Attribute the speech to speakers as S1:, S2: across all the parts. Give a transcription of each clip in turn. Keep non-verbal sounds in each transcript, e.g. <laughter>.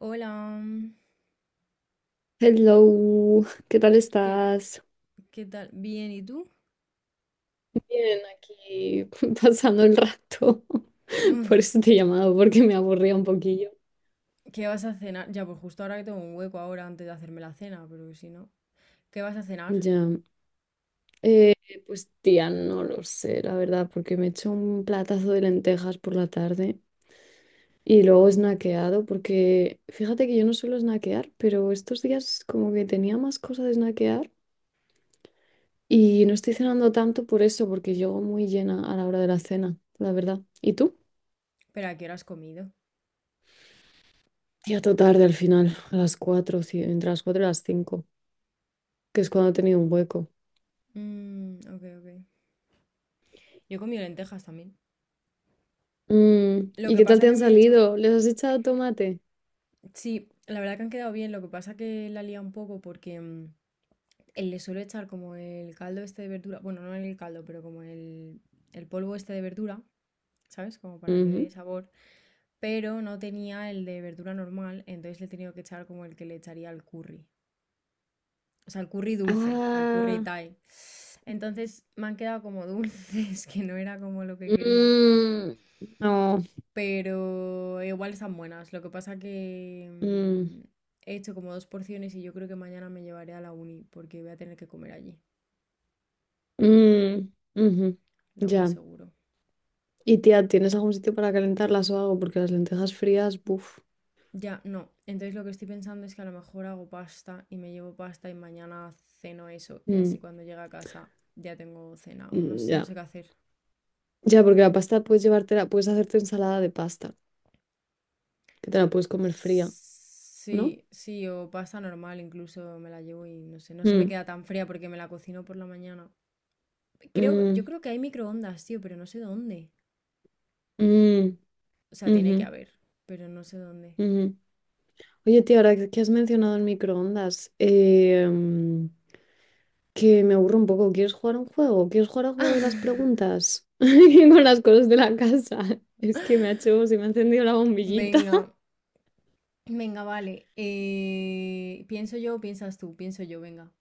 S1: Hola,
S2: Hello, ¿qué tal
S1: ¿qué,
S2: estás?
S1: qué tal? Bien, ¿y tú?
S2: Bien, aquí <laughs> pasando el rato. <laughs>
S1: Mm,
S2: Por eso te he llamado, porque me aburría un poquillo.
S1: ¿Qué vas a cenar? Ya, pues justo ahora que tengo un hueco ahora antes de hacerme la cena, pero que si no. ¿Qué vas a cenar?
S2: Ya, eh, pues tía, no lo sé, la verdad, porque me he hecho un platazo de lentejas por la tarde y luego he snackeado, porque fíjate que yo no suelo snackear, pero estos días como que tenía más cosas de snackear y no estoy cenando tanto por eso, porque llego muy llena a la hora de la cena, la verdad. ¿Y tú?
S1: ¿Pero a qué hora has comido?
S2: Ya todo tarde al final, a las 4 sí, entre las 4 y las 5 que es cuando he tenido un hueco.
S1: Ok, ok. Yo he comido lentejas también.
S2: Mm,
S1: Lo
S2: ¿y
S1: que
S2: qué tal
S1: pasa
S2: te
S1: que
S2: han
S1: me he hecho...
S2: salido? ¿Les has echado tomate?
S1: Sí, la verdad que han quedado bien, lo que pasa que la lía un poco porque él le suelo echar como el caldo este de verdura, bueno, no el caldo, pero como el polvo este de verdura, ¿sabes? Como para que dé
S2: Ujú.
S1: sabor. Pero no tenía el de verdura normal, entonces le he tenido que echar como el que le echaría al curry. O sea, al curry dulce, al curry
S2: Ah,
S1: Thai. Entonces me han quedado como <laughs> dulces, que no era como lo que quería.
S2: mm, no,
S1: Pero igual están buenas. Lo que pasa que
S2: mm,
S1: he hecho como dos porciones y yo creo que mañana me llevaré a la uni porque voy a tener que comer allí,
S2: mm, ujú,
S1: lo más
S2: ya.
S1: seguro.
S2: Y tía,
S1: Ah,
S2: ¿tienes algún sitio para calentarlas o algo? Porque las lentejas frías, buf.
S1: ya, no. Entonces lo que estoy pensando es que a lo mejor hago pasta y me llevo pasta y mañana ceno eso y
S2: Mm,
S1: así cuando llegue a casa ya tengo cenado. No,
S2: mm,
S1: no
S2: ya.
S1: sé qué hacer.
S2: Ya, porque la pasta puedes llevártela, puedes hacerte ensalada de pasta, que te la puedes comer fría,
S1: Sí,
S2: ¿no?
S1: sí, o pasta normal incluso me la llevo y no sé, no se me
S2: Mm,
S1: queda tan fría porque me la cocino por la mañana. Creo, yo
S2: mm,
S1: creo que hay microondas, tío, pero no sé dónde.
S2: mm,
S1: O sea, tiene que
S2: ujú,
S1: haber, pero no sé dónde.
S2: ujú. Oye, tío, ahora que has mencionado el microondas, que me aburro un poco. ¿Quieres jugar a un juego? ¿Quieres jugar al juego de las
S1: <laughs>
S2: preguntas? <laughs> Con las cosas de la casa. <laughs> Es que me ha hecho, se me ha encendido la bombillita.
S1: Venga,
S2: <laughs>
S1: venga, vale. Pienso yo, o piensas tú, pienso yo, venga.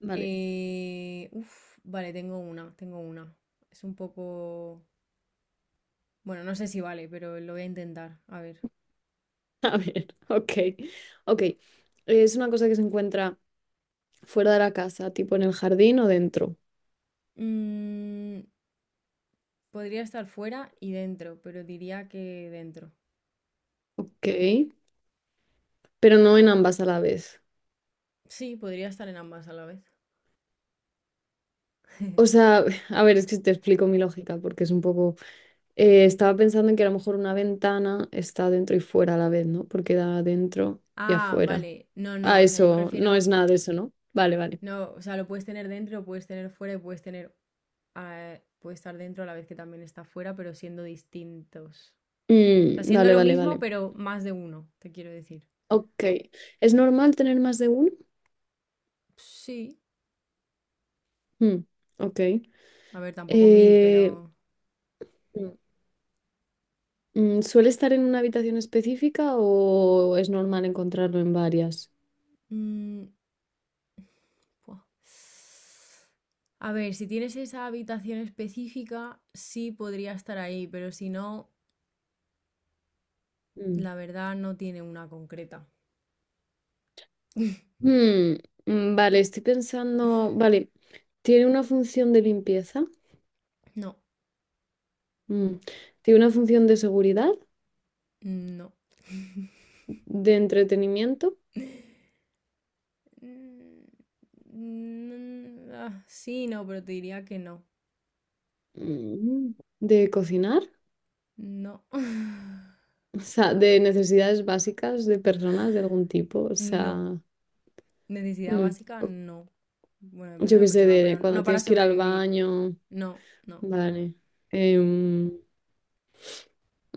S2: Vale,
S1: Vale, tengo una. Es un poco... Bueno, no sé si vale, pero lo voy a intentar. A ver.
S2: a ver, <laughs> ok. Ok, es una cosa que se encuentra fuera de la casa, tipo en el jardín o dentro.
S1: Mm, podría estar fuera y dentro, pero diría que dentro.
S2: Ok, pero no en ambas a la vez.
S1: Sí, podría estar en ambas a la vez.
S2: O
S1: <laughs>
S2: sea, <laughs> a ver, es que te explico mi lógica porque es un poco... Estaba pensando en que a lo mejor una ventana está dentro y fuera a la vez, ¿no? Porque da adentro y
S1: Ah,
S2: afuera.
S1: vale. No, no,
S2: Ah,
S1: o sea, yo me
S2: eso, no
S1: refiero...
S2: es nada de eso, ¿no? Vale, vale.
S1: No, o sea, lo puedes tener dentro, lo puedes tener fuera y puedes tener... Ah, puede estar dentro a la vez que también está fuera, pero siendo distintos. O sea,
S2: Mm,
S1: siendo
S2: vale,
S1: lo
S2: vale,
S1: mismo,
S2: vale.
S1: pero más de uno, te quiero decir.
S2: Ok. ¿Es normal tener más de uno?
S1: Sí.
S2: Mm, ok.
S1: A ver, tampoco mil,
S2: Eh,
S1: pero...
S2: mm, ¿Suele estar en una habitación específica o es normal encontrarlo en varias?
S1: mm, buah. A ver, si tienes esa habitación específica, sí podría estar ahí, pero si no,
S2: Mm.
S1: la verdad no tiene una concreta. <laughs>
S2: Mm, vale, estoy pensando, vale, ¿tiene una función de limpieza?
S1: No,
S2: Mm. ¿Tiene una función de seguridad?
S1: no.
S2: ¿De entretenimiento,
S1: <laughs> Sí, no, pero te diría que no.
S2: mm, de cocinar,
S1: No. <laughs>
S2: o sea, de necesidades básicas de personas de algún tipo, o
S1: No.
S2: sea,
S1: Necesidad
S2: mm,
S1: básica,
S2: o-
S1: no. Bueno, depende
S2: yo
S1: de la
S2: qué sé,
S1: persona,
S2: de
S1: pero
S2: cuando
S1: no para
S2: tienes que ir al
S1: sobrevivir.
S2: baño?
S1: No, no.
S2: Vale. em,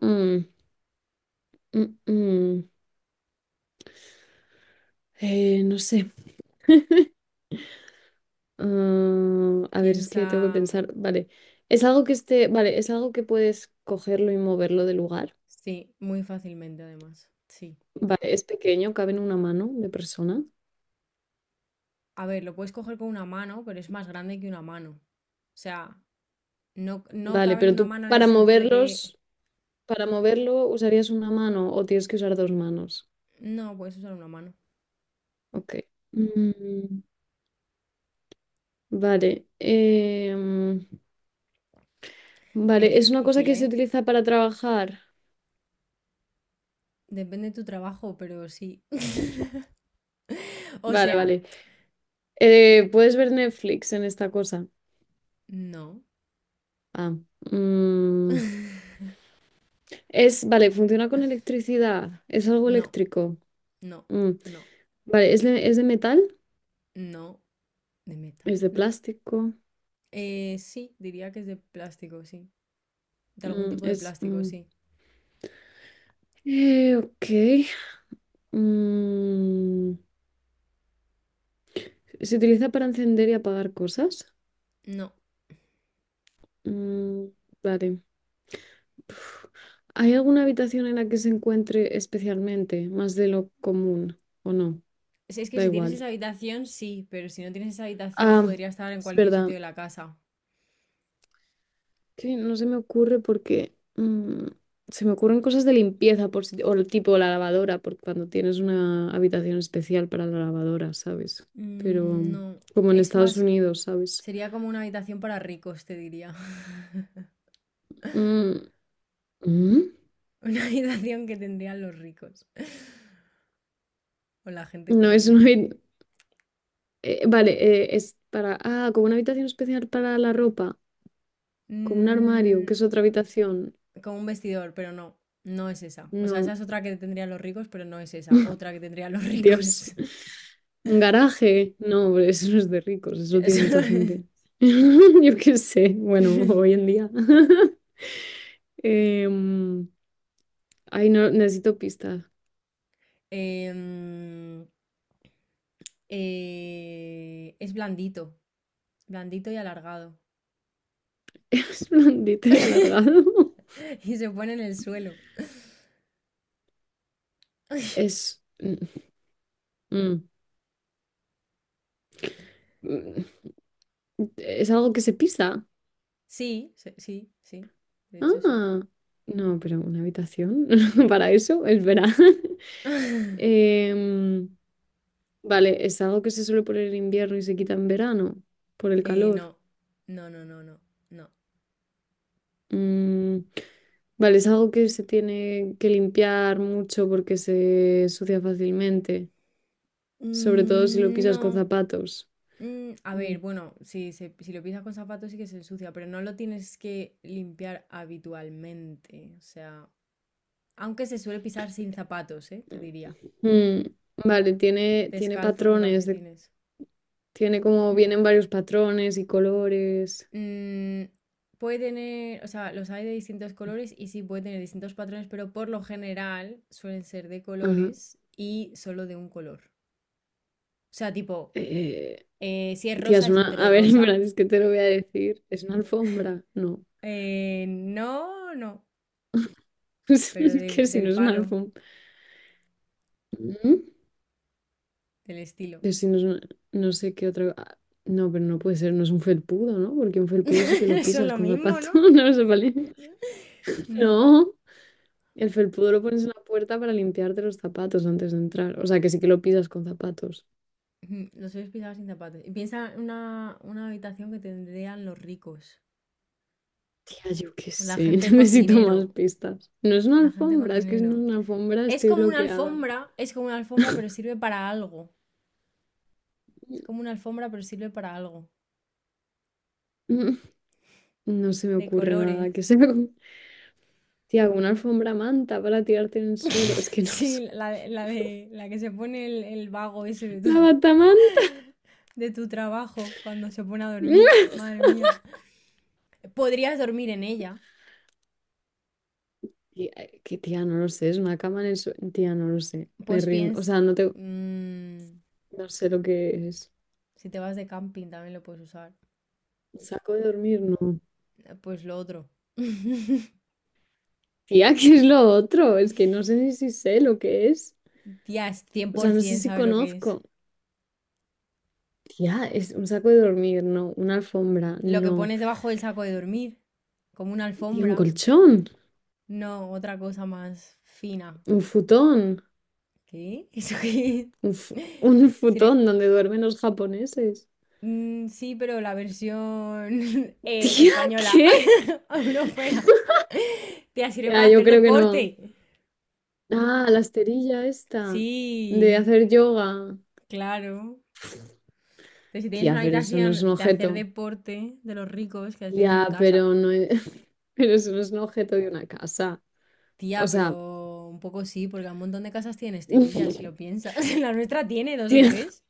S2: mm, mm, mm, no sé. A ver, es
S1: Piensa.
S2: que tengo que pensar, vale. Es algo que esté, vale, es algo que puedes cogerlo y moverlo de lugar.
S1: Sí, muy fácilmente además. Sí.
S2: Vale, es pequeño, cabe en una mano de persona.
S1: A ver, lo puedes coger con una mano, pero es más grande que una mano. O sea, no, no
S2: Vale,
S1: cabe en
S2: pero
S1: una
S2: tú
S1: mano en el
S2: para
S1: sentido de que
S2: moverlos para moverlo, ¿usarías una mano o tienes que usar dos manos?
S1: no puedes usar una mano.
S2: Ok. Mm, vale.
S1: Es
S2: Vale,
S1: que es
S2: ¿es una cosa
S1: difícil,
S2: que se
S1: ¿eh?
S2: utiliza para trabajar?
S1: Depende de tu trabajo, pero sí. <laughs> O
S2: Vale,
S1: sea,
S2: vale. ¿Puedes ver Netflix en esta cosa?
S1: no.
S2: Ah. mm,
S1: <laughs>
S2: vale, funciona con electricidad. Es algo
S1: No,
S2: eléctrico.
S1: no,
S2: Mm,
S1: no,
S2: Vale, ¿es de metal?
S1: no. ¿De
S2: ¿Es
S1: metal?
S2: de
S1: No.
S2: plástico?
S1: Sí, diría que es de plástico, sí. De algún
S2: Mm,
S1: tipo de plástico, sí.
S2: ok. Mm, ¿se utiliza para encender y apagar cosas?
S1: No.
S2: Mm, vale. Uf. ¿Hay alguna habitación en la que se encuentre especialmente más de lo común o no?
S1: Es que
S2: Da
S1: si tienes esa
S2: igual.
S1: habitación, sí, pero si no tienes esa habitación,
S2: Ah,
S1: podría estar en
S2: es
S1: cualquier sitio
S2: verdad.
S1: de la casa.
S2: Que no se me ocurre porque se me ocurren cosas de limpieza por si- o el tipo la lavadora, por cuando tienes una habitación especial para la lavadora, ¿sabes? Pero
S1: Mm, no,
S2: como en
S1: es
S2: Estados
S1: más,
S2: Unidos, ¿sabes?
S1: sería como una habitación para ricos, te diría. <laughs>
S2: Mm, ¿mm?
S1: Una habitación que tendrían los ricos <laughs> o la gente
S2: No,
S1: con
S2: es una...
S1: dinero.
S2: vale, Ah, como una habitación especial para la ropa. Como un armario, que
S1: Mm,
S2: es otra habitación.
S1: como un vestidor, pero no, no es esa. O sea,
S2: No,
S1: esa es otra que tendrían los ricos, pero no es esa. Otra que tendrían los
S2: Dios.
S1: ricos.
S2: <laughs> Un garaje. No, hombre, eso no es de ricos,
S1: <laughs>
S2: eso tiene
S1: Eso
S2: mucha
S1: es.
S2: gente. <laughs> Yo qué sé, bueno, hoy en
S1: <laughs>
S2: día. <laughs> Em, Ay, no, necesito pista. <laughs>
S1: Em, es blandito. Blandito y alargado.
S2: Es blandito y
S1: <laughs>
S2: alargado.
S1: Y se pone en el suelo.
S2: <laughs>
S1: <laughs>
S2: Es. Mm, mm, mm, Es algo que se pisa.
S1: Sí, sí, sí. De hecho, sí.
S2: Ah, no, pero una habitación <laughs> para eso, es verdad. <laughs>
S1: <laughs>
S2: Em, Vale, es algo que se suele poner en invierno y se quita en verano por el calor.
S1: No, no, no, no, no, no.
S2: Mm, vale, es algo que se tiene que limpiar mucho porque se sucia fácilmente, sobre todo si lo
S1: Mm,
S2: pisas con
S1: no.
S2: zapatos.
S1: Mm, a
S2: Mm.
S1: ver, bueno, si, si lo pisas con zapatos sí que se ensucia, pero no lo tienes que limpiar habitualmente. O sea, aunque se suele pisar sin zapatos, ¿eh? Te diría.
S2: Mm, vale, tiene
S1: Descalzo con
S2: patrones,
S1: calcetines.
S2: tiene como, vienen varios patrones y colores.
S1: Mm, puede tener, o sea, los hay de distintos colores y sí puede tener distintos patrones, pero por lo general suelen ser de
S2: Ajá.
S1: colores y solo de un color. O sea, tipo,
S2: Eh,
S1: si es
S2: Tía,
S1: rosa, es entero
S2: a ver, <laughs> en
S1: rosa.
S2: verdad es que te lo voy a decir, ¿es una alfombra? No,
S1: No, no,
S2: <laughs> es
S1: pero
S2: que si no
S1: del
S2: es una
S1: palo,
S2: alfombra. Ujú.
S1: del estilo.
S2: Pero si no, no sé qué otra. No, pero no puede ser, no es un felpudo, ¿no? Porque un
S1: <laughs>
S2: felpudo sí que lo
S1: Eso es
S2: pisas
S1: lo
S2: con
S1: mismo,
S2: zapato,
S1: ¿no?
S2: <laughs> no se vale.
S1: No.
S2: No, el felpudo lo pones en la puerta para limpiarte los zapatos antes de entrar. O sea, que sí que lo pisas con zapatos.
S1: Ujú, los sueles pisar sin zapatos. Y piensa en una habitación que tendrían los ricos.
S2: Tía, yo qué
S1: O la
S2: sé, <laughs>
S1: gente con
S2: necesito más
S1: dinero.
S2: pistas. No es una
S1: La gente con
S2: alfombra, es que si no es
S1: dinero.
S2: una alfombra
S1: Es
S2: estoy
S1: como una
S2: bloqueada.
S1: alfombra, es como una alfombra, pero sirve para algo. Es como
S2: <laughs>
S1: una alfombra, pero sirve para algo.
S2: Mm, no se me
S1: De
S2: ocurre
S1: colores.
S2: nada que sea. Tía, una alfombra manta para tirarte en el suelo. Es
S1: <laughs>
S2: que no lo sé.
S1: Sí, la de la que se pone el vago ese de
S2: La
S1: tu,
S2: batamanta.
S1: <laughs> de tu trabajo cuando se pone a dormir. Madre mía. Podrías dormir en ella.
S2: Que tía, no lo sé, es una cama en el suelo. Tía, no lo sé. Me
S1: Pues
S2: rindo. O
S1: piens
S2: sea,
S1: mm,
S2: no sé lo que es.
S1: si te vas de camping también lo puedes usar.
S2: Saco de dormir, no.
S1: Pues lo otro. <laughs>
S2: Tía, <laughs> ¿qué es lo otro? Es que no sé ni si sé lo que es.
S1: Tía, es
S2: O sea, no sé
S1: 100%
S2: si
S1: sabe lo que es.
S2: conozco. Tía, es un saco de dormir, no. Una alfombra,
S1: Lo que
S2: no.
S1: pones debajo del saco de dormir, como una
S2: Tía, un
S1: alfombra.
S2: colchón,
S1: No, otra cosa más fina.
S2: un futón,
S1: ¿Qué? <laughs> ¿Eso qué es?
S2: <laughs> un
S1: Sire-
S2: futón donde duermen los japoneses.
S1: sí, pero la versión <laughs>
S2: <laughs> Tía,
S1: española,
S2: ¿qué?
S1: <laughs> europea. Tía, sirve para
S2: Tía, yo
S1: hacer
S2: creo que no.
S1: deporte.
S2: Ah, la esterilla esta de
S1: Sí,
S2: hacer yoga.
S1: claro. Pero si tienes
S2: Tía,
S1: una
S2: pero eso no es
S1: habitación
S2: un
S1: de hacer
S2: objeto.
S1: deporte de los ricos que las tienes en
S2: Ya,
S1: casa.
S2: pero no es... <laughs> pero eso no es un objeto de una casa. O
S1: Tía,
S2: sea,
S1: pero un poco sí, porque un montón de casas tienen esterillas, si
S2: <laughs>
S1: lo piensas. <laughs> La nuestra tiene dos o
S2: tía,
S1: tres.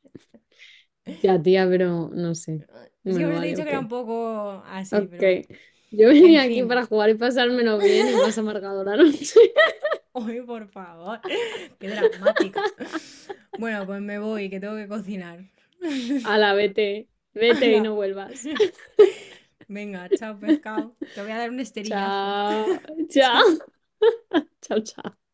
S2: ya, tía, pero no sé.
S1: Es que
S2: Bueno,
S1: por eso te he
S2: vale,
S1: dicho que
S2: ok.
S1: era un poco así,
S2: Ok.
S1: pero bueno.
S2: Yo
S1: En
S2: venía aquí para
S1: fin.
S2: jugar y pasármelo bien y más amargado la noche. <laughs>
S1: <laughs> Uy, por favor. <laughs> Qué dramática. Bueno, pues me voy, que tengo que cocinar. <laughs>
S2: Ala, vete, vete y no
S1: ¡Hala!
S2: vuelvas.
S1: <laughs>
S2: <laughs>
S1: Venga, chao pescado. Te voy a dar un esterillazo.
S2: Chao,
S1: <laughs>
S2: chao,
S1: Chao.
S2: chao, chao.